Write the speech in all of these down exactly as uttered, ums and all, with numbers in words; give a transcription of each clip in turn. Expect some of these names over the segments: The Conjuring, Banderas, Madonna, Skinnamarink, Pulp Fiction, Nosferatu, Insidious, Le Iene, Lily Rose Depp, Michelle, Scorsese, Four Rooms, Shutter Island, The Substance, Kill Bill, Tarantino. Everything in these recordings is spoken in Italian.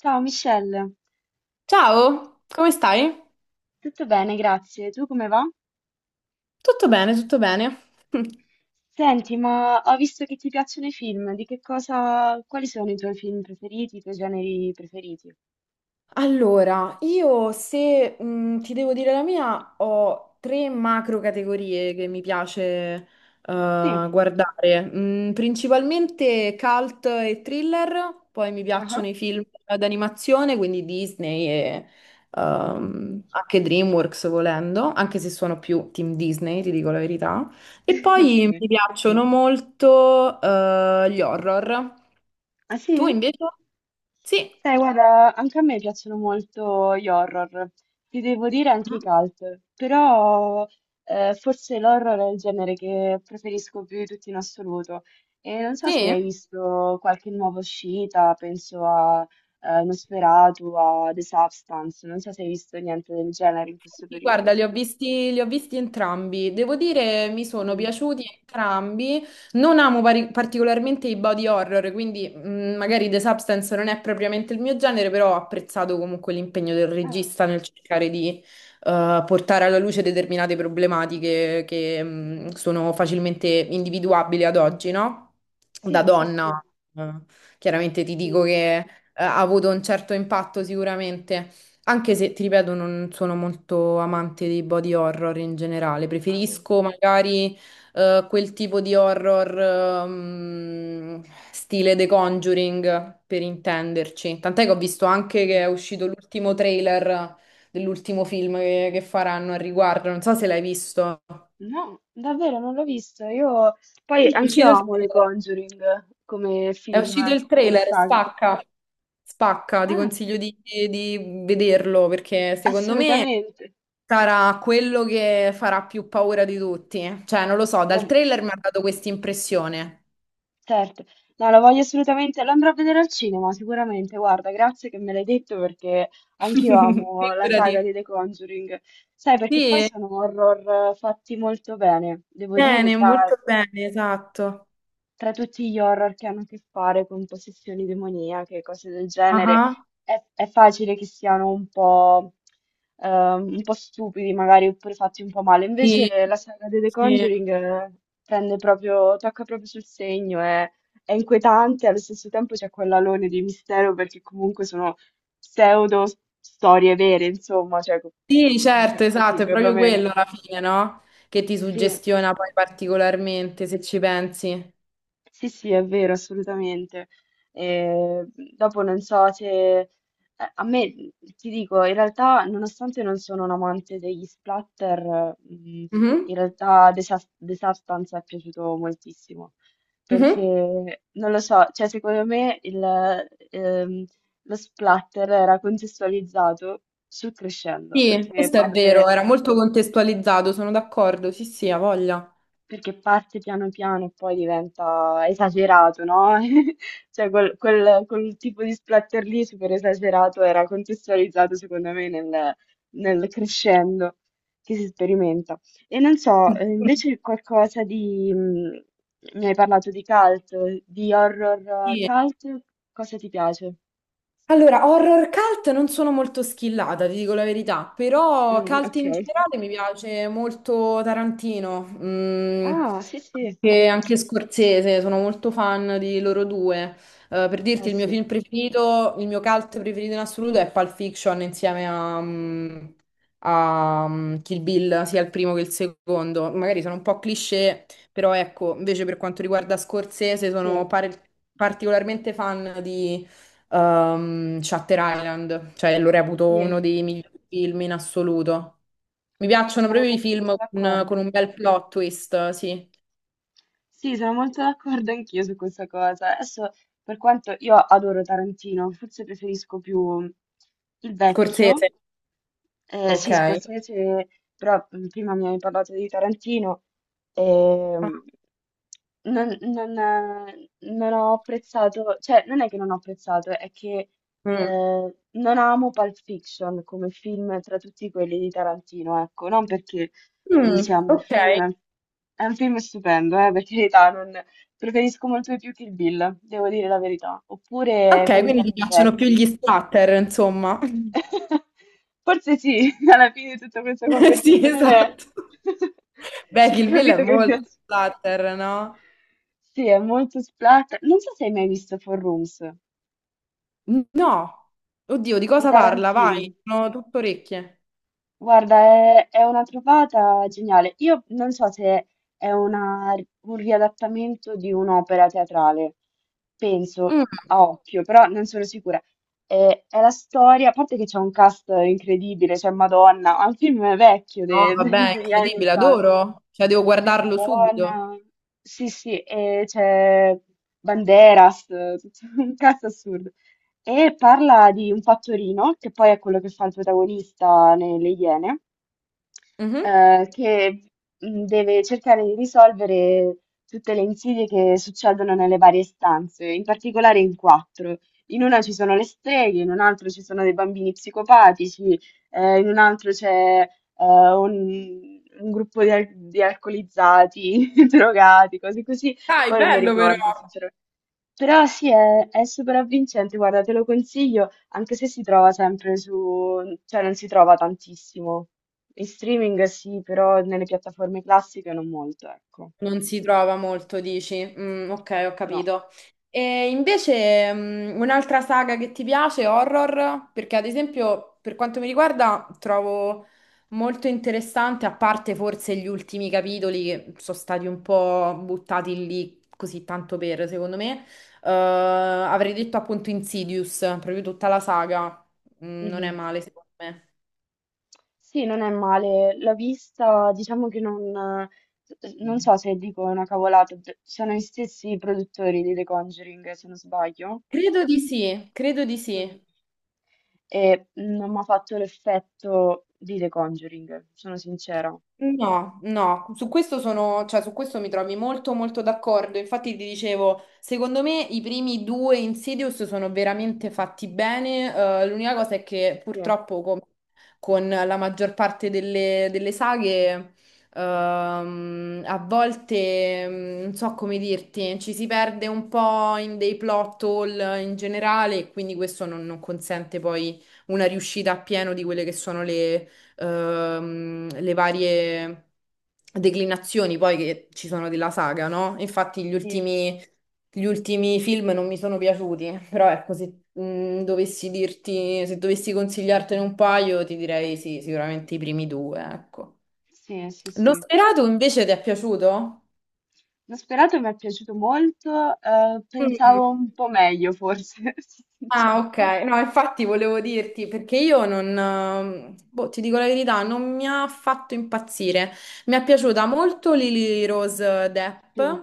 Ciao Michelle, Ciao, come stai? tutto bene, grazie. Tu come va? Tutto bene, tutto bene. Senti, ma ho visto che ti piacciono i film, di che cosa, quali sono i tuoi film preferiti, i tuoi generi preferiti? Allora, io se mh, ti devo dire la mia, ho tre macro categorie che mi piace eh, Sì. guardare. Mm, principalmente cult e thriller, poi mi piacciono Ah. i film d'animazione, quindi Disney e Mhm. ehm, anche DreamWorks volendo, anche se sono più team Disney, ti dico la verità. E poi Sì. mi piacciono molto eh, gli horror. Ah Tu sì? invece? Sì. Sai, guarda, anche a me piacciono molto gli horror, ti devo dire anche i Mhm. cult, però eh, forse l'horror è il genere che preferisco più di tutti in assoluto. E non so se Sì? hai visto qualche nuova uscita, penso a eh, Nosferatu, a The Substance, non so se hai visto niente del genere in questo Sì, guarda, periodo. li ho visti, li ho visti entrambi. Devo dire, mi sono Mm. piaciuti entrambi. Non amo pari- particolarmente i body horror, quindi mh, magari The Substance non è propriamente il mio genere, però ho apprezzato comunque l'impegno del Ah, regista nel cercare di eh, portare alla luce determinate problematiche che mh, sono facilmente individuabili ad oggi, no? Da sì, sì, sì, donna, eh, chiaramente ti dico sì. che eh, ha avuto un certo impatto sicuramente. Anche se, ti ripeto, non sono molto amante dei body horror in generale, Ah, preferisco magari eh, quel tipo di horror ehm, stile The Conjuring, per intenderci. Tant'è che ho visto anche che è sì. uscito l'ultimo trailer dell'ultimo film che, che faranno al riguardo, non so se l'hai visto. No, davvero non l'ho visto. Io poi Sì, è anch'io uscito il amo The trailer. Conjuring come È uscito film, il come trailer, saga. spacca, spacca, ti Ah, consiglio di, di vederlo perché secondo me assolutamente. sarà quello che farà più paura di tutti. Cioè, non lo so, dal Lo- trailer mi ha dato questa impressione. Certo. No, lo voglio assolutamente. Lo andrò a vedere al cinema, sicuramente. Guarda, grazie che me l'hai detto perché anch'io amo la saga Figurati. di The Conjuring. Sai, perché poi Sì, sono horror eh, fatti molto bene, devo dire, bene, tra molto bene, esatto. tra tutti gli horror che hanno a che fare con possessioni demoniache, cose del genere, Ah, è, è facile che siano un po', ehm, un po' stupidi, magari, oppure fatti un po' male. sì, Invece la saga di The sì. Conjuring eh, prende proprio, tocca proprio sul segno, è, è inquietante, allo stesso tempo c'è quell'alone di mistero perché comunque sono pseudo storie vere, insomma, cioè co- Sì, si dice certo, così esatto, è proprio perlomeno. quello alla fine, no? Che ti Sì. suggestiona poi particolarmente, se ci pensi. Sì, sì, è vero, assolutamente. Eh, dopo non so se... eh, A me, ti dico, in realtà, nonostante non sono un amante degli splatter, mm, in Mhm, realtà The, Sus- The Substance è piaciuto moltissimo. mhm. Perché, non lo so, cioè secondo me il, ehm, lo splatter era contestualizzato sul crescendo, Sì, perché questo è parte... vero, era molto contestualizzato, sono d'accordo, sì, sì, ha voglia. Perché parte piano piano e poi diventa esagerato, no? Cioè quel, quel- quel tipo di splatter lì super esagerato era contestualizzato secondo me nel, nel crescendo che si sperimenta. E non so, eh, invece qualcosa di... mh, mi hai parlato di cult, di horror eh, Sì, cult, cosa ti piace? allora, horror cult non sono molto skillata, ti dico la verità, però Mm, cult ok. in generale mi piace molto Tarantino, mm, Ah, sì, sì. anche, anche Scorsese, sono molto fan di loro due. Eh, per Eh dirti, il mio sì, film preferito, il mio cult preferito in assoluto è Pulp Fiction insieme a, mm, a, mm, Kill Bill, sia il primo che il secondo. Magari sono un po' cliché, però ecco, invece per quanto riguarda Scorsese sì, sono pare- particolarmente fan ehm, Shutter Island, cioè lo reputo sì, uno dei migliori film in assoluto. Mi sì, piacciono sono proprio i molto film con, d'accordo. con un bel plot twist, sì. Sì, sono molto d'accordo anch'io su questa cosa. Adesso, per quanto io adoro Tarantino, forse preferisco più il vecchio, Scorsese, eh, ok. sì, Scorsese, però mh, prima mi hai parlato di Tarantino, Ah, ehm, non, non, eh, non ho apprezzato, cioè non è che non ho apprezzato, è che Mm. eh, non amo Pulp Fiction come film tra tutti quelli di Tarantino, ecco, non perché non sia Mm, un bel ok, film, è un film stupendo, eh, per carità, non- Preferisco molto di più Kill Bill, devo dire la verità, oppure ok, quelli un quindi po' ti più piacciono più vecchi. gli splatter, insomma. Forse sì, alla fine di tutta questa Sì, conversazione esatto. Beh, si è Kill Bill è capito che mi molto piace. splatter, no? Sì, è molto splatter. Non so se hai mai visto Four Rooms No, oddio, di di cosa parla? Tarantino. Vai, sono tutto orecchie. Guarda, è, è una trovata geniale. Io non so se è una- un riadattamento di un'opera teatrale, penso Mm. a occhio, però non sono sicura. È, è la storia, a parte che c'è un cast incredibile, c'è Madonna, ma il film è vecchio No, de- vabbè, de- è degli anni incredibile, ottanta. adoro. Cioè, devo C'è guardarlo subito. Madonna, sì, sì, e c'è Banderas, tutto un cast assurdo e parla di un fattorino, che poi è quello che fa il protagonista nelle Iene, Mhm. eh, che mh, deve cercare di risolvere tutte le insidie che succedono nelle varie stanze, in particolare in quattro. In una ci sono le streghe, in un altro ci sono dei bambini psicopatici, eh, in un altro c'è eh, un, un gruppo di, al- di alcolizzati, drogati, cose così. Dai, Poi non mi bello ricordo, però. sinceramente. Però sì, è, è super avvincente, guarda, te lo consiglio, anche se si trova sempre su, cioè non si trova tantissimo. In streaming sì, però nelle piattaforme classiche non molto, ecco. Non si trova molto, dici? Mm, ok, ho No. capito. E invece mm, un'altra saga che ti piace, horror? Perché ad esempio, per quanto mi riguarda, trovo molto interessante, a parte forse gli ultimi capitoli che sono stati un po' buttati lì così tanto per, secondo me, eh, avrei detto appunto Insidious, proprio tutta la saga. Mm, non è Mhm. male, secondo me. Sì, non è male. L'ho vista, diciamo che non, non so se dico una cavolata, d- sono gli stessi produttori di The Conjuring, se non sbaglio. Credo di sì, credo di sì. Mm. E non mi ha fatto l'effetto di The Conjuring, sono sincera. No, no, su questo sono, cioè, su questo mi trovi molto molto d'accordo. Infatti ti dicevo, secondo me i primi due Insidious sono veramente fatti bene. Eh, l'unica cosa è che Sì. purtroppo com- con la maggior parte delle, delle saghe, ehm, a volte, mm, non so come dirti, ci si perde un po' in dei plot hole in generale e quindi questo non, non consente poi una riuscita a pieno di quelle che sono le ehm, le varie declinazioni poi che ci sono della saga, no? Infatti gli Sì. ultimi, gli ultimi film non mi sono piaciuti, però ecco, se mh, dovessi dirti, se dovessi consigliartene un paio, ti direi sì, sicuramente i primi due, ecco. Sì, sì, L'ho sì. sperato invece ti è piaciuto? L'ho sperato, mi è piaciuto molto, eh, Mm. pensavo un po' meglio forse, sono Ah, sincera. ok. No, infatti volevo dirti, perché io non, ehm, boh, ti dico la verità, non mi ha fatto impazzire. Mi è piaciuta molto Lily Rose Depp, Sì,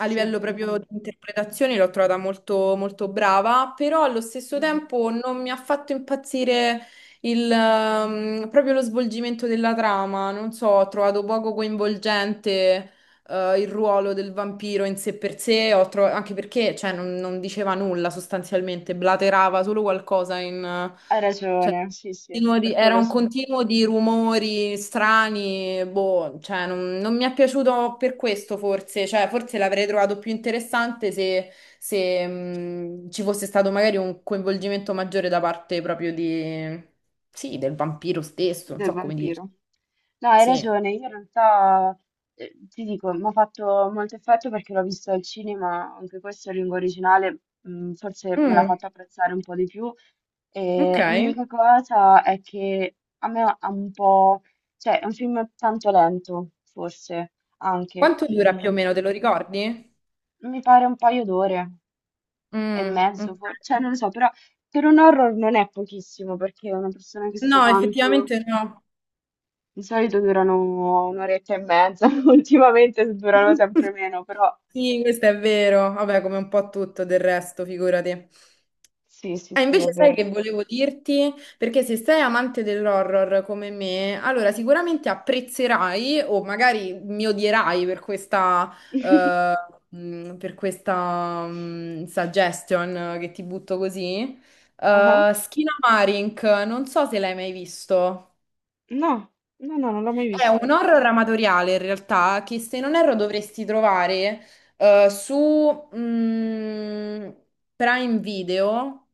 a livello anche a proprio me. di interpretazione l'ho trovata molto, molto brava, però allo stesso Mhm. tempo non mi ha fatto impazzire il, ehm, proprio lo svolgimento della trama, non so, ho trovato poco coinvolgente eh, il ruolo del vampiro in sé per sé, ho tro- anche perché cioè, non, non diceva nulla sostanzialmente, blaterava solo qualcosa in... eh, Hai cioè, ragione, sì, sì, continuo di- per era quello un sì. continuo di rumori strani, boh, cioè, non, non mi è piaciuto per questo forse, cioè, forse l'avrei trovato più interessante se, se, mh, ci fosse stato magari un coinvolgimento maggiore da parte proprio di. Sì, del vampiro stesso, non Del so come vampiro. dirti. No, hai Sì. ragione, io in realtà eh, ti dico, mi ha fatto molto effetto perché l'ho visto al cinema, anche questo in lingua originale, mm, forse me l'ha Mm, fatto apprezzare un po' di più. ok. E l'unica cosa è che a me ha un po', cioè è un film tanto lento, forse anche, Quanto dura più o mm, meno, te lo ricordi? mi pare un paio d'ore e Mm, mezzo, ok. for- Cioè non lo so, però per un horror non è pochissimo perché una persona che sta No, tanto... effettivamente no. Di solito durano un'oretta e mezza, ultimamente durano sempre meno, però Sì, questo è vero. Vabbè, come un po' tutto del resto, figurati. sì, sì, Ah, sì, è invece sai vero. che volevo dirti? Perché se sei amante dell'horror come me, allora sicuramente apprezzerai o magari mi odierai per questa, eh, mh, per questa, mh, suggestion che ti butto così. Ah, Eh, Skinnamarink, non so se l'hai mai visto. no, no, no, non l'ho mai È un visto. horror amatoriale in realtà che se non erro dovresti trovare eh, su mm, Prime Video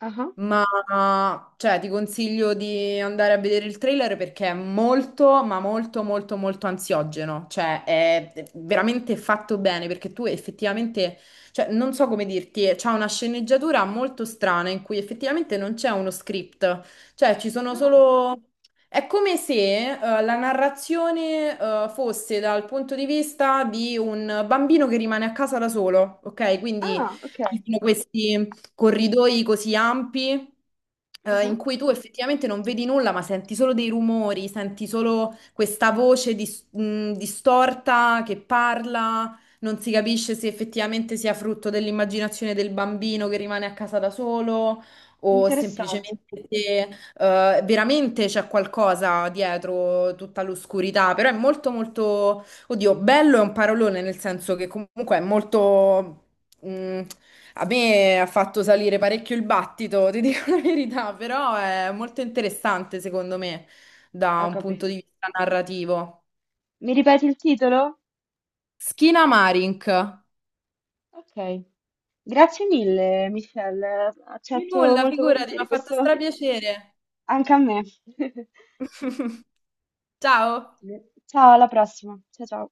Ah, ma cioè, ti consiglio di andare a vedere il trailer perché è molto, ma molto, molto, molto ansiogeno. Cioè, è veramente fatto bene perché tu effettivamente, cioè, non so come dirti, c'è una sceneggiatura molto strana in cui effettivamente non c'è uno script. Cioè, ci sono ah, solo. È come se eh, la narrazione eh, fosse dal punto di vista di un bambino che rimane a casa da solo, ok? Quindi ah, ok. ci sono questi corridoi così ampi eh, Ah, in cui tu effettivamente non vedi nulla, ma senti solo dei rumori, senti solo questa voce dis- mh, distorta che parla, non si capisce se effettivamente sia frutto dell'immaginazione del bambino che rimane a casa da solo o interessante. semplicemente se eh, veramente c'è qualcosa dietro tutta l'oscurità, però è molto molto, oddio, bello è un parolone nel senso che comunque è molto. Mm, A me ha fatto salire parecchio il battito, ti dico la verità, però è molto interessante secondo me da Ho un punto capito. di vista narrativo. Mi ripeti il titolo? Schina Marink. Ok. Grazie mille, Michelle. Di Accetto nulla, molto figurati, mi ha volentieri fatto questo strapiacere. anche a me. Ciao. Ciao, alla prossima. Ciao, ciao.